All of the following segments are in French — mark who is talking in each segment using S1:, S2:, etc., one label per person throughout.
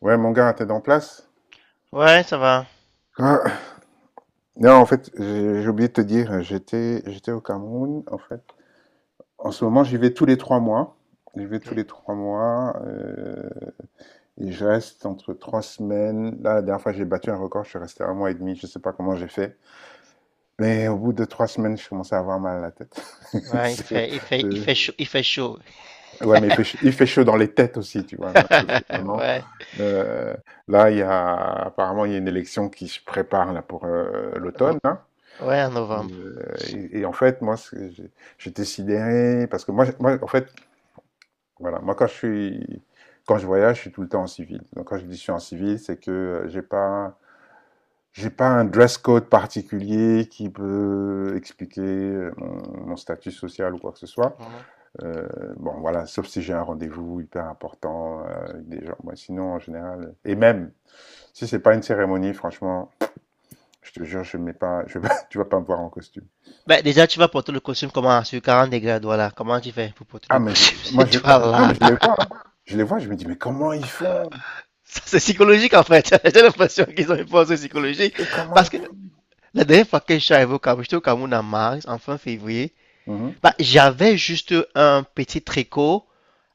S1: Ouais, mon gars, t'es en place?
S2: Ouais, ça va.
S1: Ah, non, en fait, j'ai oublié de te dire, j'étais au Cameroun, en fait. En ce moment, j'y vais tous les 3 mois. J'y vais tous
S2: Ok.
S1: les trois mois. Et je reste entre 3 semaines. Là, la dernière fois, j'ai battu un record, je suis resté un mois et demi. Je sais pas comment j'ai fait. Mais au bout de 3 semaines, je commençais à avoir mal à la tête.
S2: Ouais, il
S1: C'est-
S2: fait, il fait, il
S1: c'est-
S2: fait chaud, il fait chaud.
S1: Ouais, mais il fait chaud dans les têtes aussi, tu vois, là, parce que vraiment.
S2: Ouais,
S1: euh, Là, apparemment, il y a une élection qui se prépare là, pour l'automne,
S2: no-
S1: hein.
S2: ouais, en
S1: Et,
S2: novembre.
S1: heu, et en fait, moi, ce j'ai j'étais sidéré parce que moi, en fait, voilà, moi, quand je voyage, je suis tout le temps en civil. Donc quand je dis: «Je suis en civil», c'est que, heu, j'ai pas j'ai pas un dress code particulier qui peut expliquer, mon statut social ou quoi que ce soit.
S2: Mhm.
S1: Heu, bon, voilà, sauf si j'ai un rendez-vous hyper important, avec des gens. Moi, sinon, en général, et même si c'est pas une cérémonie, franchement, je te jure, je mets pas je pas tu vas pas me voir en costume.
S2: Ben, déjà, tu vas porter le costume comment? Sur 40 degrés, voilà. Comment tu fais pour porter
S1: Ah,
S2: le
S1: mais je,
S2: costume
S1: moi, je,
S2: sur toi
S1: non,
S2: là?
S1: mais je les vois, hein. Je les vois, je me dis, mais comment ils font?
S2: Ça, c'est psychologique en fait. J'ai l'impression qu'ils ont une force psychologique.
S1: Comment ils
S2: Parce que la dernière fois que je suis arrivé au Cameroun, j'étais au Cameroun en mars, en fin février.
S1: font? Mhm.
S2: Bah, j'avais juste un petit tricot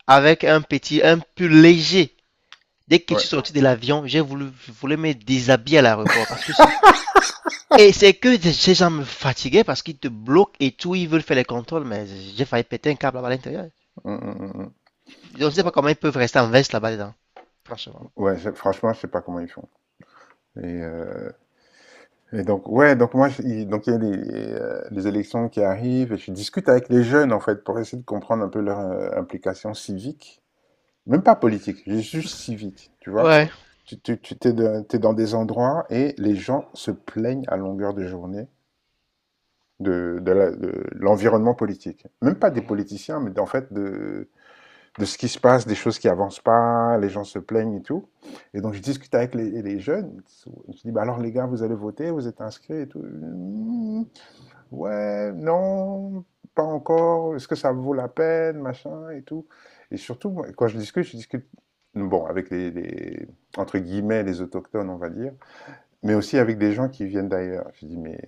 S2: avec un pull léger. Dès que je suis
S1: Ouais.
S2: sorti de l'avion, j'ai voulu, je me déshabiller à l'aéroport parce que et c'est que ces gens me fatiguaient parce qu'ils te bloquent et tout, ils veulent faire les contrôles, mais j'ai failli péter un câble là-bas à l'intérieur.
S1: Mm, mm, mm, mm.
S2: Je ne sais pas comment
S1: Non.
S2: ils peuvent rester en veste là-bas dedans, franchement.
S1: Ouais, franchement, je sais pas comment ils font. Et, euh, et donc, ouais, donc moi, donc il y a les élections qui arrivent et je discute avec les jeunes, en fait, pour essayer de comprendre un peu leur implication civique. Même pas politique, juste civique, tu vois.
S2: Ouais.
S1: Tu t'es dans des endroits et les gens se plaignent à longueur de journée de l'environnement politique. Même pas des
S2: Mhm.
S1: politiciens, mais en fait de ce qui se passe, des choses qui avancent pas, les gens se plaignent et tout. Et donc je discute avec les jeunes. Je dis, bah alors les gars, vous allez voter, vous êtes inscrits et tout. Hmm, ouais, non, pas encore. Est-ce que ça vaut la peine, machin et tout. Et surtout, moi, quand je discute, bon, avec entre guillemets, les autochtones, on va dire, mais aussi avec des gens qui viennent d'ailleurs. Je dis, mais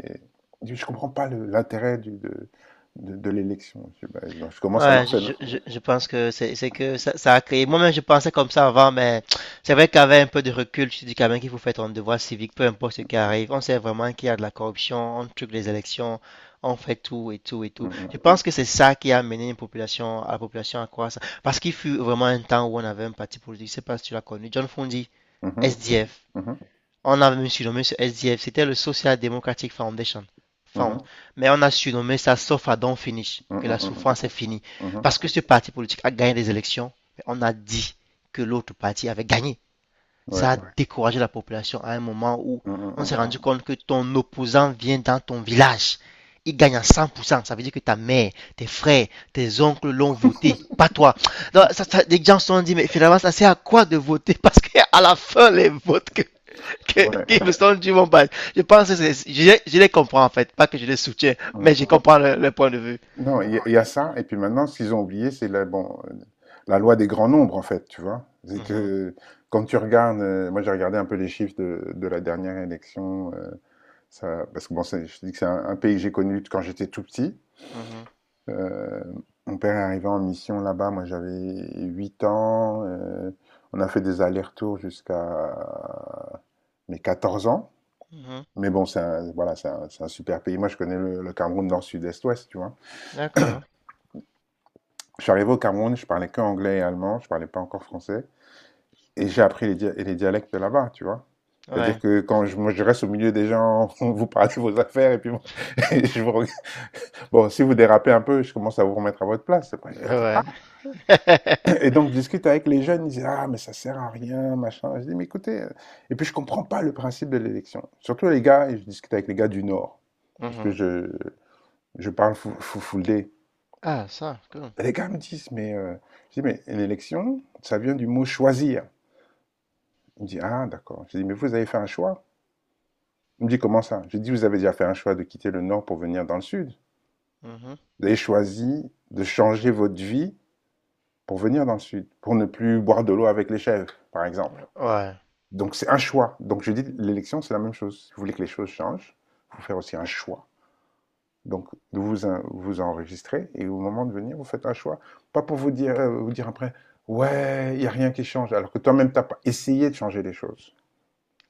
S1: je ne comprends pas l'intérêt de l'élection. Je dis, bah, non, je commence à
S2: Ouais,
S1: leur faire.
S2: je pense que c'est que ça a créé. Moi-même, je pensais comme ça avant, mais c'est vrai qu'avec un peu de recul, tu te dis quand même qu'il faut faire ton devoir civique, peu importe ce qui arrive. On sait vraiment qu'il y a de la corruption, on truc les élections, on fait tout et tout et tout.
S1: Mhm,
S2: Je pense que c'est ça qui a amené à la population à croire ça. Parce qu'il fut vraiment un temps où on avait un parti politique, je sais pas si tu l'as connu, John Fundi,
S1: mhm,
S2: SDF.
S1: mhm,
S2: On avait surnommé ce SDF, c'était le Social Democratic Foundation. Found.
S1: mhm,
S2: Mais on a surnommé ça sauf à Don't Finish,
S1: mhm,
S2: que la
S1: mhm,
S2: souffrance est finie.
S1: mhm,
S2: Parce que ce parti politique a gagné des élections, mais on a dit que l'autre parti avait gagné.
S1: ouais,
S2: Ça a, ouais, découragé la population à un moment où on s'est
S1: mhm,
S2: rendu compte que ton opposant vient dans ton village. Il gagne à 100%. Ça veut dire que ta mère, tes frères, tes oncles l'ont voté, pas toi. Donc, les gens se sont dit, mais finalement, ça sert à quoi de voter? Parce qu'à la fin, les votes
S1: mhm, ouais,
S2: qui me sont du bon bal. Je pense que je les comprends en fait, pas que je les soutiens, mais
S1: mhm.
S2: je comprends le point de vue.
S1: Non, il y a ça. Et puis maintenant, ce qu'ils ont oublié, c'est la, bon, la loi des grands nombres, en fait, tu vois. C'est
S2: Mhm,
S1: que quand tu regardes, moi j'ai regardé un peu les chiffres de la dernière élection, ça, parce que bon, je te dis que c'est un pays que j'ai connu quand j'étais tout petit.
S2: mhm,
S1: Heu, Mon père est arrivé en mission là-bas, moi j'avais 8 ans, on a fait des allers-retours jusqu'à mes 14 ans.
S2: mhm.
S1: Mais bon, c'est un voilà, c'est un super pays. Moi, je connais le Cameroun nord, sud, est, ouest, tu vois?
S2: D'accord.
S1: Je suis arrivé au Cameroun, je parlais qu'anglais et allemand, je parlais pas encore français et j'ai appris les dialectes de là-bas, tu vois? C'est-à-dire
S2: Ouais.
S1: que quand je moi, je reste au milieu des gens, vous parlez de vos affaires et puis moi, je vous reg bon, si vous dérapez un peu, je commence à vous remettre à votre place. Après, je dis,
S2: Ouais.
S1: et donc, je discute avec les jeunes, ils disent: «Ah, mais ça sert à rien, machin.» Je dis: «Mais écoutez, et puis je comprends pas le principe de l'élection.» Surtout les gars, et je discute avec les gars du Nord, parce que
S2: Mhm.
S1: je parle foulé.
S2: Ah, ça, cool.
S1: Et les gars me disent: «Mais, Je dis: «Mais l'élection, ça vient du mot choisir.» Il me dit: «Ah, d'accord.» Je dis: «Mais vous avez fait un choix.» Il me dit: «Comment ça?» Je dis: «Vous avez déjà fait un choix de quitter le Nord pour venir dans le Sud.
S2: Mhm.
S1: Vous avez choisi de changer votre vie pour venir dans le Sud, pour ne plus boire de l'eau avec les chèvres, par exemple.
S2: Ouais.
S1: Donc c'est un choix.» Donc je dis l'élection, c'est la même chose. Si vous voulez que les choses changent, il faut faire aussi un choix. Donc vous vous enregistrez et au moment de venir, vous faites un choix. Pas pour vous dire après, ouais, il n'y a rien qui change, alors que toi-même, tu n'as pas essayé de changer les choses.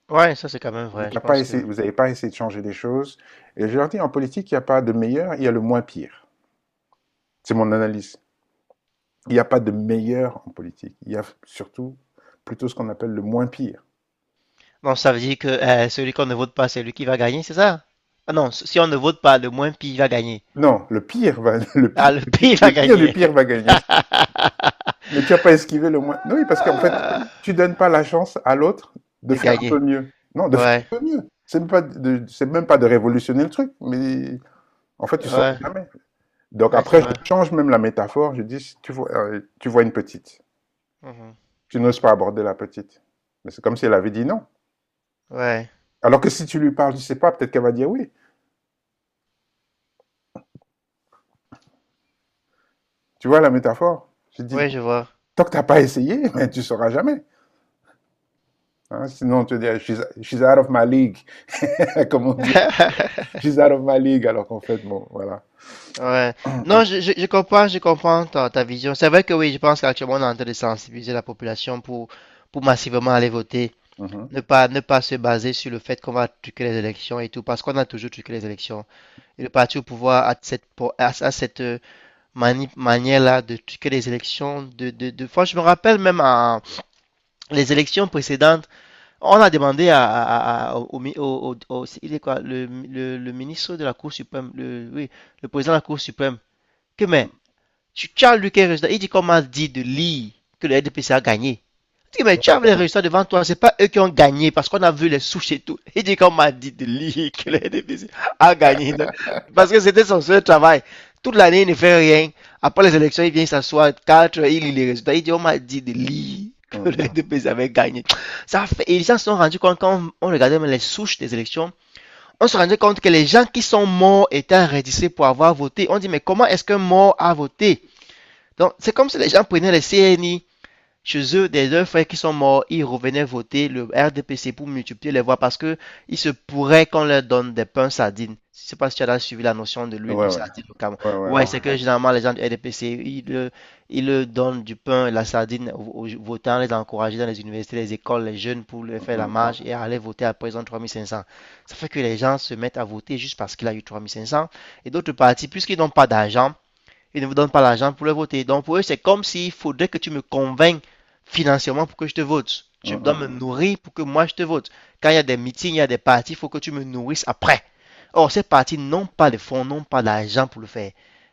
S2: Ouais, ça c'est quand même
S1: Tu
S2: vrai, je
S1: n'as pas
S2: pense que.
S1: essayé, vous n'avez pas essayé de changer les choses. Et je leur dis, en politique, il n'y a pas de meilleur, il y a le moins pire. C'est mon analyse. Il n'y a pas de meilleur en politique. Il y a surtout plutôt ce qu'on appelle le moins pire.
S2: Non, ça veut dire que celui qu'on ne vote pas, c'est lui qui va gagner, c'est ça? Ah non, si on ne vote pas, le moins pire va gagner.
S1: Non, le pire va, le
S2: Ah,
S1: pire,
S2: le
S1: le pire,
S2: pire va
S1: le pire du
S2: gagner.
S1: pire va gagner. Mais tu as pas esquivé le moins. Non. Oui, parce qu'en fait, tu donnes pas la chance à l'autre de
S2: De
S1: faire un peu
S2: gagner.
S1: mieux. Non, de faire
S2: Ouais,
S1: un peu mieux. C'est même pas de, c'est même pas de révolutionner le truc, mais en fait, tu sors
S2: ouais,
S1: jamais. Donc
S2: ouais,
S1: après,
S2: ça
S1: je
S2: va.
S1: change même la métaphore. Je dis, si tu vois, tu vois une petite.
S2: Mhm.
S1: Tu n'oses pas aborder la petite. Mais c'est comme si elle avait dit non.
S2: Ouais,
S1: Alors que si tu lui parles, je sais pas, peut-être qu'elle va dire oui. Tu vois la métaphore? Je dis,
S2: ouais, je vois.
S1: tant que t'as pas essayé, ben, tu sauras jamais, hein. Sinon, on te dit: «Ah, she's out of my league.» Comme on dit, she's out of my league. Alors qu'en fait, bon, voilà.
S2: Ouais. Non, je comprends ta vision. C'est vrai que oui, je pense qu'actuellement, on est en train de sensibiliser la population pour massivement aller voter.
S1: Mmh mh.
S2: Ne pas se baser sur le fait qu'on va truquer les élections et tout, parce qu'on a toujours truqué les élections. Et le parti au pouvoir a cette manière-là de truquer les élections. Franchement, je me rappelle même à les élections précédentes. On a demandé il est quoi, le ministre de la Cour suprême, le, oui, le président de la Cour suprême, que mais, tu as. Il dit qu'on m'a dit de lire que le RDPC a gagné. Tu mais tu avais les résultats devant toi, c'est pas eux qui ont gagné parce qu'on a vu les souches et tout. Il dit qu'on m'a dit de lire que le NDPC a gagné, parce que c'était son seul travail. Toute l'année, il ne fait rien. Après les élections, il vient s'asseoir, 4, il lit les résultats. Il dit, on m'a dit de lire que le
S1: Mmh.
S2: NDPC avait gagné. Ça fait, et ils s'en sont rendus compte quand on regardait les souches des élections. On se rendait compte que les gens qui sont morts étaient enregistrés pour avoir voté. On dit, mais comment est-ce qu'un mort a voté? Donc, c'est comme si les gens prenaient les CNI, chez eux, des deux frères qui sont morts, ils revenaient voter le RDPC pour multiplier les voix parce que il se pourrait qu'on leur donne des pains sardines. Je ne sais pas si tu as déjà suivi la notion de
S1: Ouais,
S2: l'huile de
S1: ouais.
S2: sardine au Cameroun.
S1: Ouais, ouais,
S2: Ouais,
S1: ouais.
S2: c'est que généralement les gens du RDPC, ils leur donnent du pain et la sardine aux votants, les encourager dans les universités, les écoles, les jeunes pour leur faire
S1: Mmh
S2: la
S1: mh.
S2: marche et aller voter à présent 3 500. Ça fait que les gens se mettent à voter juste parce qu'il a eu 3 500. Et d'autres partis, puisqu'ils n'ont pas d'argent, ils ne vous donnent pas l'argent pour le voter. Donc pour eux, c'est comme s'il faudrait que tu me convainques financièrement pour que je te vote. Tu
S1: Mmh
S2: dois me
S1: mh.
S2: nourrir pour que moi je te vote. Quand il y a des meetings, il y a des partis, il faut que tu me nourrisses après. Or, ces partis n'ont pas de fonds, n'ont pas d'argent pour le faire.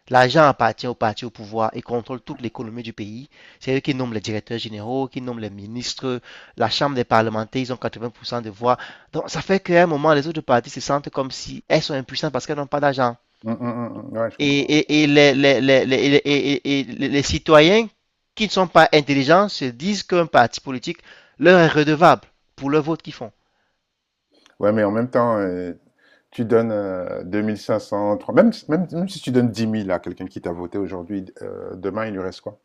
S2: L'argent appartient aux partis au pouvoir et contrôle toute l'économie du pays. C'est eux qui nomment les directeurs généraux, qui nomment les ministres, la chambre des parlementaires, ils ont 80% de voix. Donc ça fait qu'à un moment, les autres partis se sentent comme si elles sont impuissantes parce qu'elles n'ont pas d'argent.
S1: Mmh mmh, mmh, mmh. Ouais, je
S2: Et,
S1: comprends, ouais.
S2: et, et les citoyens qui ne sont pas intelligents se disent qu'un parti politique leur est redevable pour le vote qu'ils font.
S1: Ouais, mais en même temps, tu donnes, 2 500, trois même si tu donnes 10 000 à quelqu'un qui t'a voté aujourd'hui, d demain, il lui reste quoi?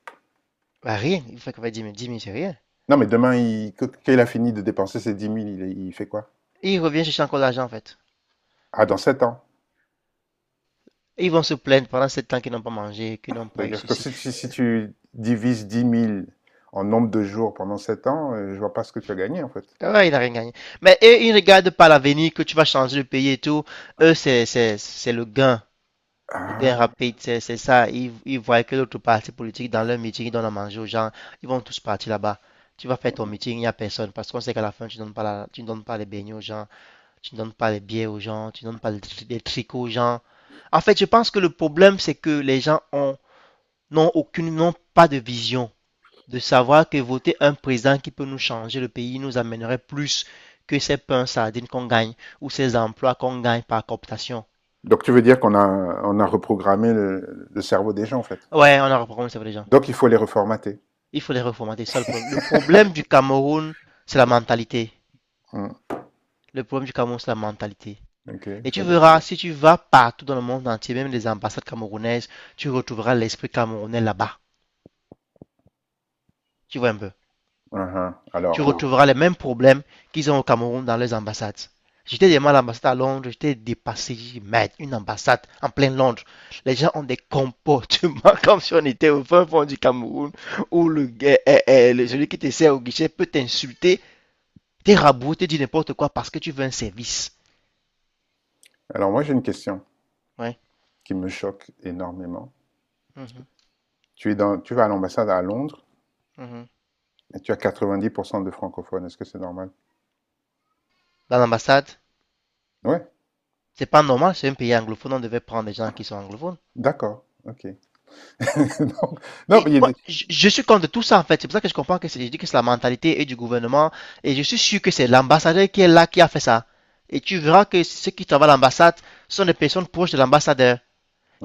S2: Bah, rien, il fait qu'on va 10 000, 10 c'est rien.
S1: Non, mais demain, il que quand il a fini de dépenser ses 10 000, il fait quoi?
S2: Et ils reviennent chercher encore de l'argent en fait.
S1: Ah, dans 7 ans.
S2: Et ils vont se plaindre pendant 7 ans qu'ils n'ont pas mangé, qu'ils n'ont pas eu
S1: C'est-à-dire que
S2: ceci.
S1: si tu divises 10 000 en nombre de jours pendant 7 ans, je vois pas ce que tu as gagné, en fait.
S2: Ah ouais, ils n'ont rien gagné. Mais eux, ils ne regardent pas l'avenir, que tu vas changer le pays et tout. Eux, c'est le gain. Le gain
S1: Ah!
S2: rapide, c'est ça. Ils voient que l'autre parti politique, dans leur meeting, ils donnent à manger aux gens. Ils vont tous partir là-bas. Tu vas faire ton meeting, il n'y a personne. Parce qu'on sait qu'à la fin, tu ne donnes pas tu ne donnes pas les beignets aux gens. Tu ne donnes pas les billets aux gens. Tu ne donnes pas les tricots aux gens. En fait, je pense que le problème, c'est que les gens ont, n'ont aucune, n'ont pas de vision. De savoir que voter un président qui peut nous changer le pays nous amènerait plus que ces pains sardines qu'on gagne ou ces emplois qu'on gagne par cooptation.
S1: Donc tu veux
S2: Du coup,
S1: dire qu'on a reprogrammé le cerveau des gens, en fait?
S2: ouais, on a reprogrammé ça pour les gens.
S1: Donc il faut les reformater.
S2: Il faut les reformer, c'est ça le problème. Le problème du Cameroun, c'est la mentalité.
S1: Mmh,
S2: Le problème du Cameroun, c'est la mentalité.
S1: OK, il
S2: Et tu
S1: faut les.
S2: verras, si tu vas partout dans le monde entier, même les ambassades camerounaises, tu retrouveras l'esprit camerounais là-bas. Tu vois un peu.
S1: Mmh.
S2: Tu
S1: Alors
S2: retrouveras les mêmes problèmes qu'ils ont au Cameroun dans les ambassades. J'étais demain à l'ambassade à Londres, j'étais dépassé. J'ai dit, merde, une ambassade en plein Londres. Les gens ont des comportements comme si on était au fin fond du Cameroun, où le, eh, eh, le- celui qui te sert au guichet peut t'insulter. T'es rabouté, t'es dis n'importe quoi parce que tu veux un service.
S1: alors moi j'ai une question
S2: Ouais.
S1: qui me choque énormément.
S2: Mhm,
S1: Tu es dans tu vas à l'ambassade à Londres
S2: mhm.
S1: et tu as 90 de francophones, est-ce que c'est normal?
S2: Dans l'ambassade,
S1: Ouais,
S2: c'est pas normal, c'est un pays anglophone, on devait prendre des gens qui sont anglophones.
S1: d'accord, OK. Donc non, mais
S2: Et
S1: il y a
S2: moi,
S1: des.
S2: je suis contre tout ça en fait. C'est pour ça que je comprends que c'est, je dis que c'est la mentalité et du gouvernement. Et je suis sûr que c'est l'ambassadeur qui est là qui a fait ça. Et tu verras que ceux qui travaillent à l'ambassade sont des personnes proches de l'ambassadeur.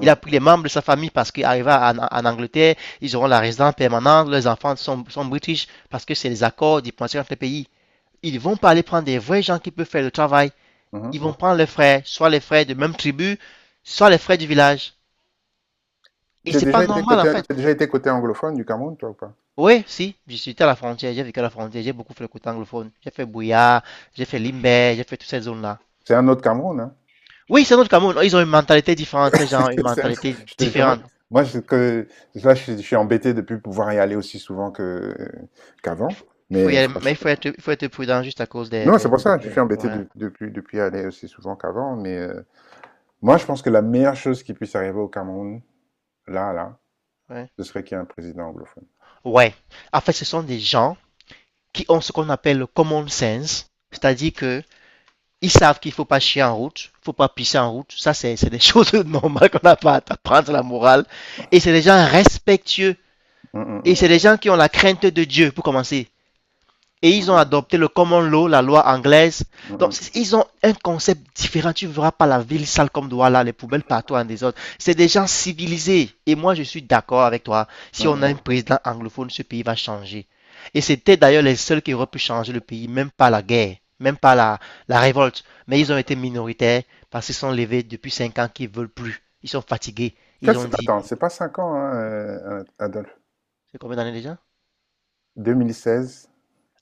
S2: Il a pris les membres de sa famille parce qu'arrivé en Angleterre, ils auront la résidence permanente, leurs enfants sont british parce que c'est les accords diplomatiques entre les pays. Ils vont pas aller prendre des vrais gens qui peuvent faire le travail.
S1: mmh.
S2: Ils vont prendre les frères, soit les frères de même tribu, soit les frères du village. Et
S1: Tu as
S2: c'est pas
S1: déjà été
S2: normal en
S1: côté tu
S2: fait.
S1: as déjà été côté anglophone du Cameroun, toi, ou pas?
S2: Oui, si, je suis à la frontière, j'ai vécu à la frontière, j'ai beaucoup fait le côté anglophone. J'ai fait Bouya, j'ai fait Limbé, j'ai fait toutes ces zones-là.
S1: C'est un autre Cameroun, hein?
S2: Oui, c'est notre Cameroun, ils ont une mentalité différente, ces gens, une
S1: C'est un autre,
S2: mentalité
S1: je te jure, moi
S2: différente.
S1: moi c'est que là, je suis embêté de ne plus pouvoir y aller aussi souvent que qu'avant,
S2: Il faut y
S1: mais
S2: aller, mais
S1: franchement.
S2: il faut être prudent juste à cause des,
S1: Non, c'est
S2: des,
S1: pour
S2: des-
S1: ça que je
S2: des-
S1: suis embêté
S2: ouais,
S1: depuis aller aussi souvent qu'avant. Mais moi, je pense que la meilleure chose qui puisse arriver au Cameroun, là, là,
S2: ouais.
S1: ce serait qu'il y ait un président anglophone.
S2: Ouais. En fait, ce sont des gens qui ont ce qu'on appelle le common sense, c'est-à-dire que ils savent qu'il faut pas chier en route, faut pas pisser en route. Ça, c'est des choses normales qu'on n'a pas à t'apprendre la morale. Et c'est des gens respectueux.
S1: Mm,
S2: Et
S1: mm,
S2: c'est des gens qui ont la crainte de Dieu, pour commencer et ils ont
S1: mm,
S2: adopté le common law, la loi anglaise.
S1: mm,
S2: Donc,
S1: mm,
S2: ils ont un concept différent. Tu ne verras pas la ville sale comme Douala, les poubelles partout en désordre. C'est des gens civilisés. Et moi, je suis d'accord avec toi.
S1: mm,
S2: Si on
S1: mm,
S2: a un
S1: mm.
S2: président anglophone, ce pays va changer. Et c'était d'ailleurs les seuls qui auraient pu changer le pays, même pas la guerre, même pas la révolte. Mais ils ont été minoritaires parce qu'ils sont levés depuis 5 ans qu'ils ne veulent plus. Ils sont fatigués. Ils ont dit,
S1: Attends, c'est pas 5 ans, hein, Adolphe.
S2: c'est combien d'années déjà?
S1: 2016,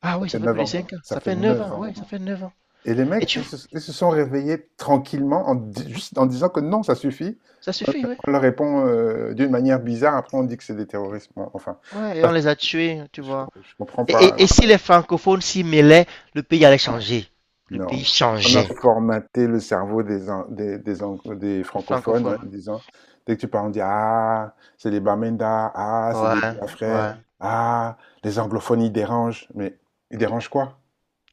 S2: Ah
S1: ça
S2: oui,
S1: fait
S2: ça fait plus
S1: 9
S2: de
S1: ans.
S2: 5 ans.
S1: Ça
S2: Ça
S1: fait
S2: fait 9
S1: 9
S2: ans.
S1: ans.
S2: Oui, ça fait 9 ans.
S1: Et les
S2: Et
S1: mecs,
S2: tu
S1: ils
S2: vois,
S1: se, ils se sont réveillés tranquillement juste en disant que non, ça suffit.
S2: ça suffit, oui.
S1: On leur répond d'une manière bizarre, après on dit que c'est des terroristes. Bon, enfin,
S2: Ouais, et
S1: ça,
S2: on les a tués, tu
S1: je,
S2: vois.
S1: com- je comprends
S2: Et,
S1: pas.
S2: et- et si les francophones s'y mêlaient, le pays allait changer. Le
S1: Non.
S2: pays
S1: On a
S2: changeait.
S1: formaté le cerveau des, an- des, ang- des
S2: Les
S1: francophones, hein,
S2: francophones.
S1: en disant, dès que tu parles, on dit, ah, c'est les Bamenda, ah, c'est
S2: Ouais,
S1: des Biafrais,
S2: ouais.
S1: ah, les anglophones, ils dérangent. Mais ils dérangent quoi?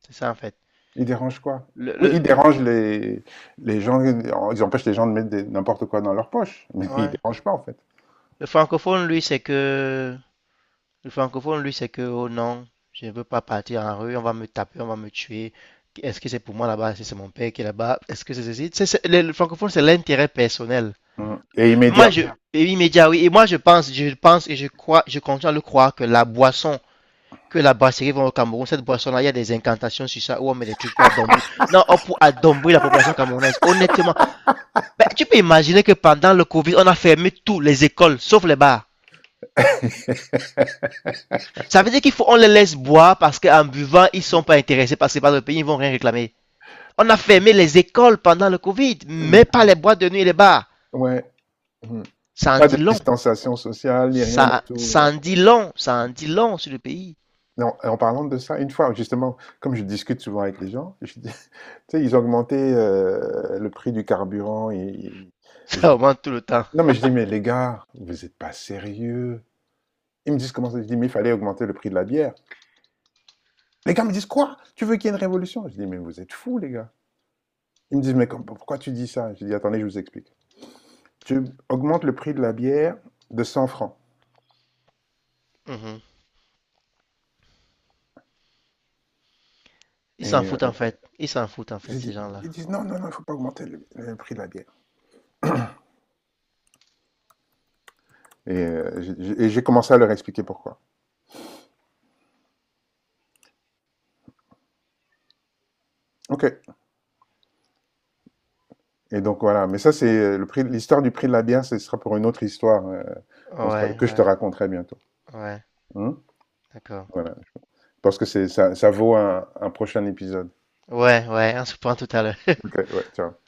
S2: C'est ça en fait.
S1: Ils dérangent quoi?
S2: Le,
S1: Oui,
S2: le,
S1: ils
S2: le-
S1: dérangent les gens, ils empêchent les gens de mettre n'importe quoi dans leur poche, mais ils
S2: ouais.
S1: dérangent pas, en fait.
S2: Le francophone, lui, c'est que. Le francophone, lui, c'est que, oh non, je ne veux pas partir en rue, on va me taper, on va me tuer. Est-ce que c'est pour moi là-bas? Est-ce que c'est mon père qui est là-bas? Est-ce que c'est ceci? Le francophone, c'est l'intérêt personnel.
S1: Mm. Et immédiat.
S2: Moi, je. Et oui, média, oui. Et moi, je pense et je crois, je continue à le croire que la boisson, que la brasserie vend au Cameroun, cette boisson-là, il y a des incantations sur ça, où on met des trucs pour adombrer. Non, on pour adombrer la population camerounaise. Honnêtement, ben, tu peux imaginer que pendant le Covid, on a fermé toutes les écoles, sauf les bars. Ça veut dire qu'il faut, on les laisse boire parce qu'en buvant, ils sont pas intéressés parce que par le pays, ils vont rien réclamer. On a fermé les écoles pendant le Covid,
S1: Mm.
S2: mais pas les boîtes de nuit et les bars.
S1: Ouais. Mm.
S2: Ça en
S1: Pas de
S2: dit long.
S1: distanciation sociale, ni rien du tout.
S2: Ça en dit long. Ça en dit long sur le pays.
S1: Et en parlant de ça, une fois, justement, comme je discute souvent avec les gens, je dis, tu sais, ils ont augmenté le prix du carburant. Et, et je
S2: Ça
S1: dis,
S2: augmente tout le temps.
S1: non, mais je dis, mais les gars, vous êtes pas sérieux. Ils me disent comment ça. Je dis, mais il fallait augmenter le prix de la bière. Les gars me disent, quoi? Tu veux qu'il y ait une révolution? Je dis, mais vous êtes fous, les gars. Ils me disent, mais pourquoi tu dis ça? Je dis, attendez, je vous explique. Tu augmentes le prix de la bière de 100 francs.
S2: Mhm. Ils s'en
S1: Et
S2: foutent en fait. Ils s'en foutent en fait,
S1: je
S2: ces
S1: dis,
S2: gens-là.
S1: ils disent, non, non, non, il ne faut pas augmenter le prix de la bière. Et j'ai commencé à leur expliquer pourquoi. OK. Et donc voilà, mais ça c'est le prix, l'histoire du prix de la bière, ce sera pour une autre histoire,
S2: Ouais,
S1: que je te
S2: ouais.
S1: raconterai bientôt.
S2: Ouais,
S1: Hein.
S2: d'accord.
S1: Voilà, parce que c'est ça, ça vaut un prochain épisode.
S2: Ouais, ouais, un sous-point total.
S1: OK, ouais, ciao.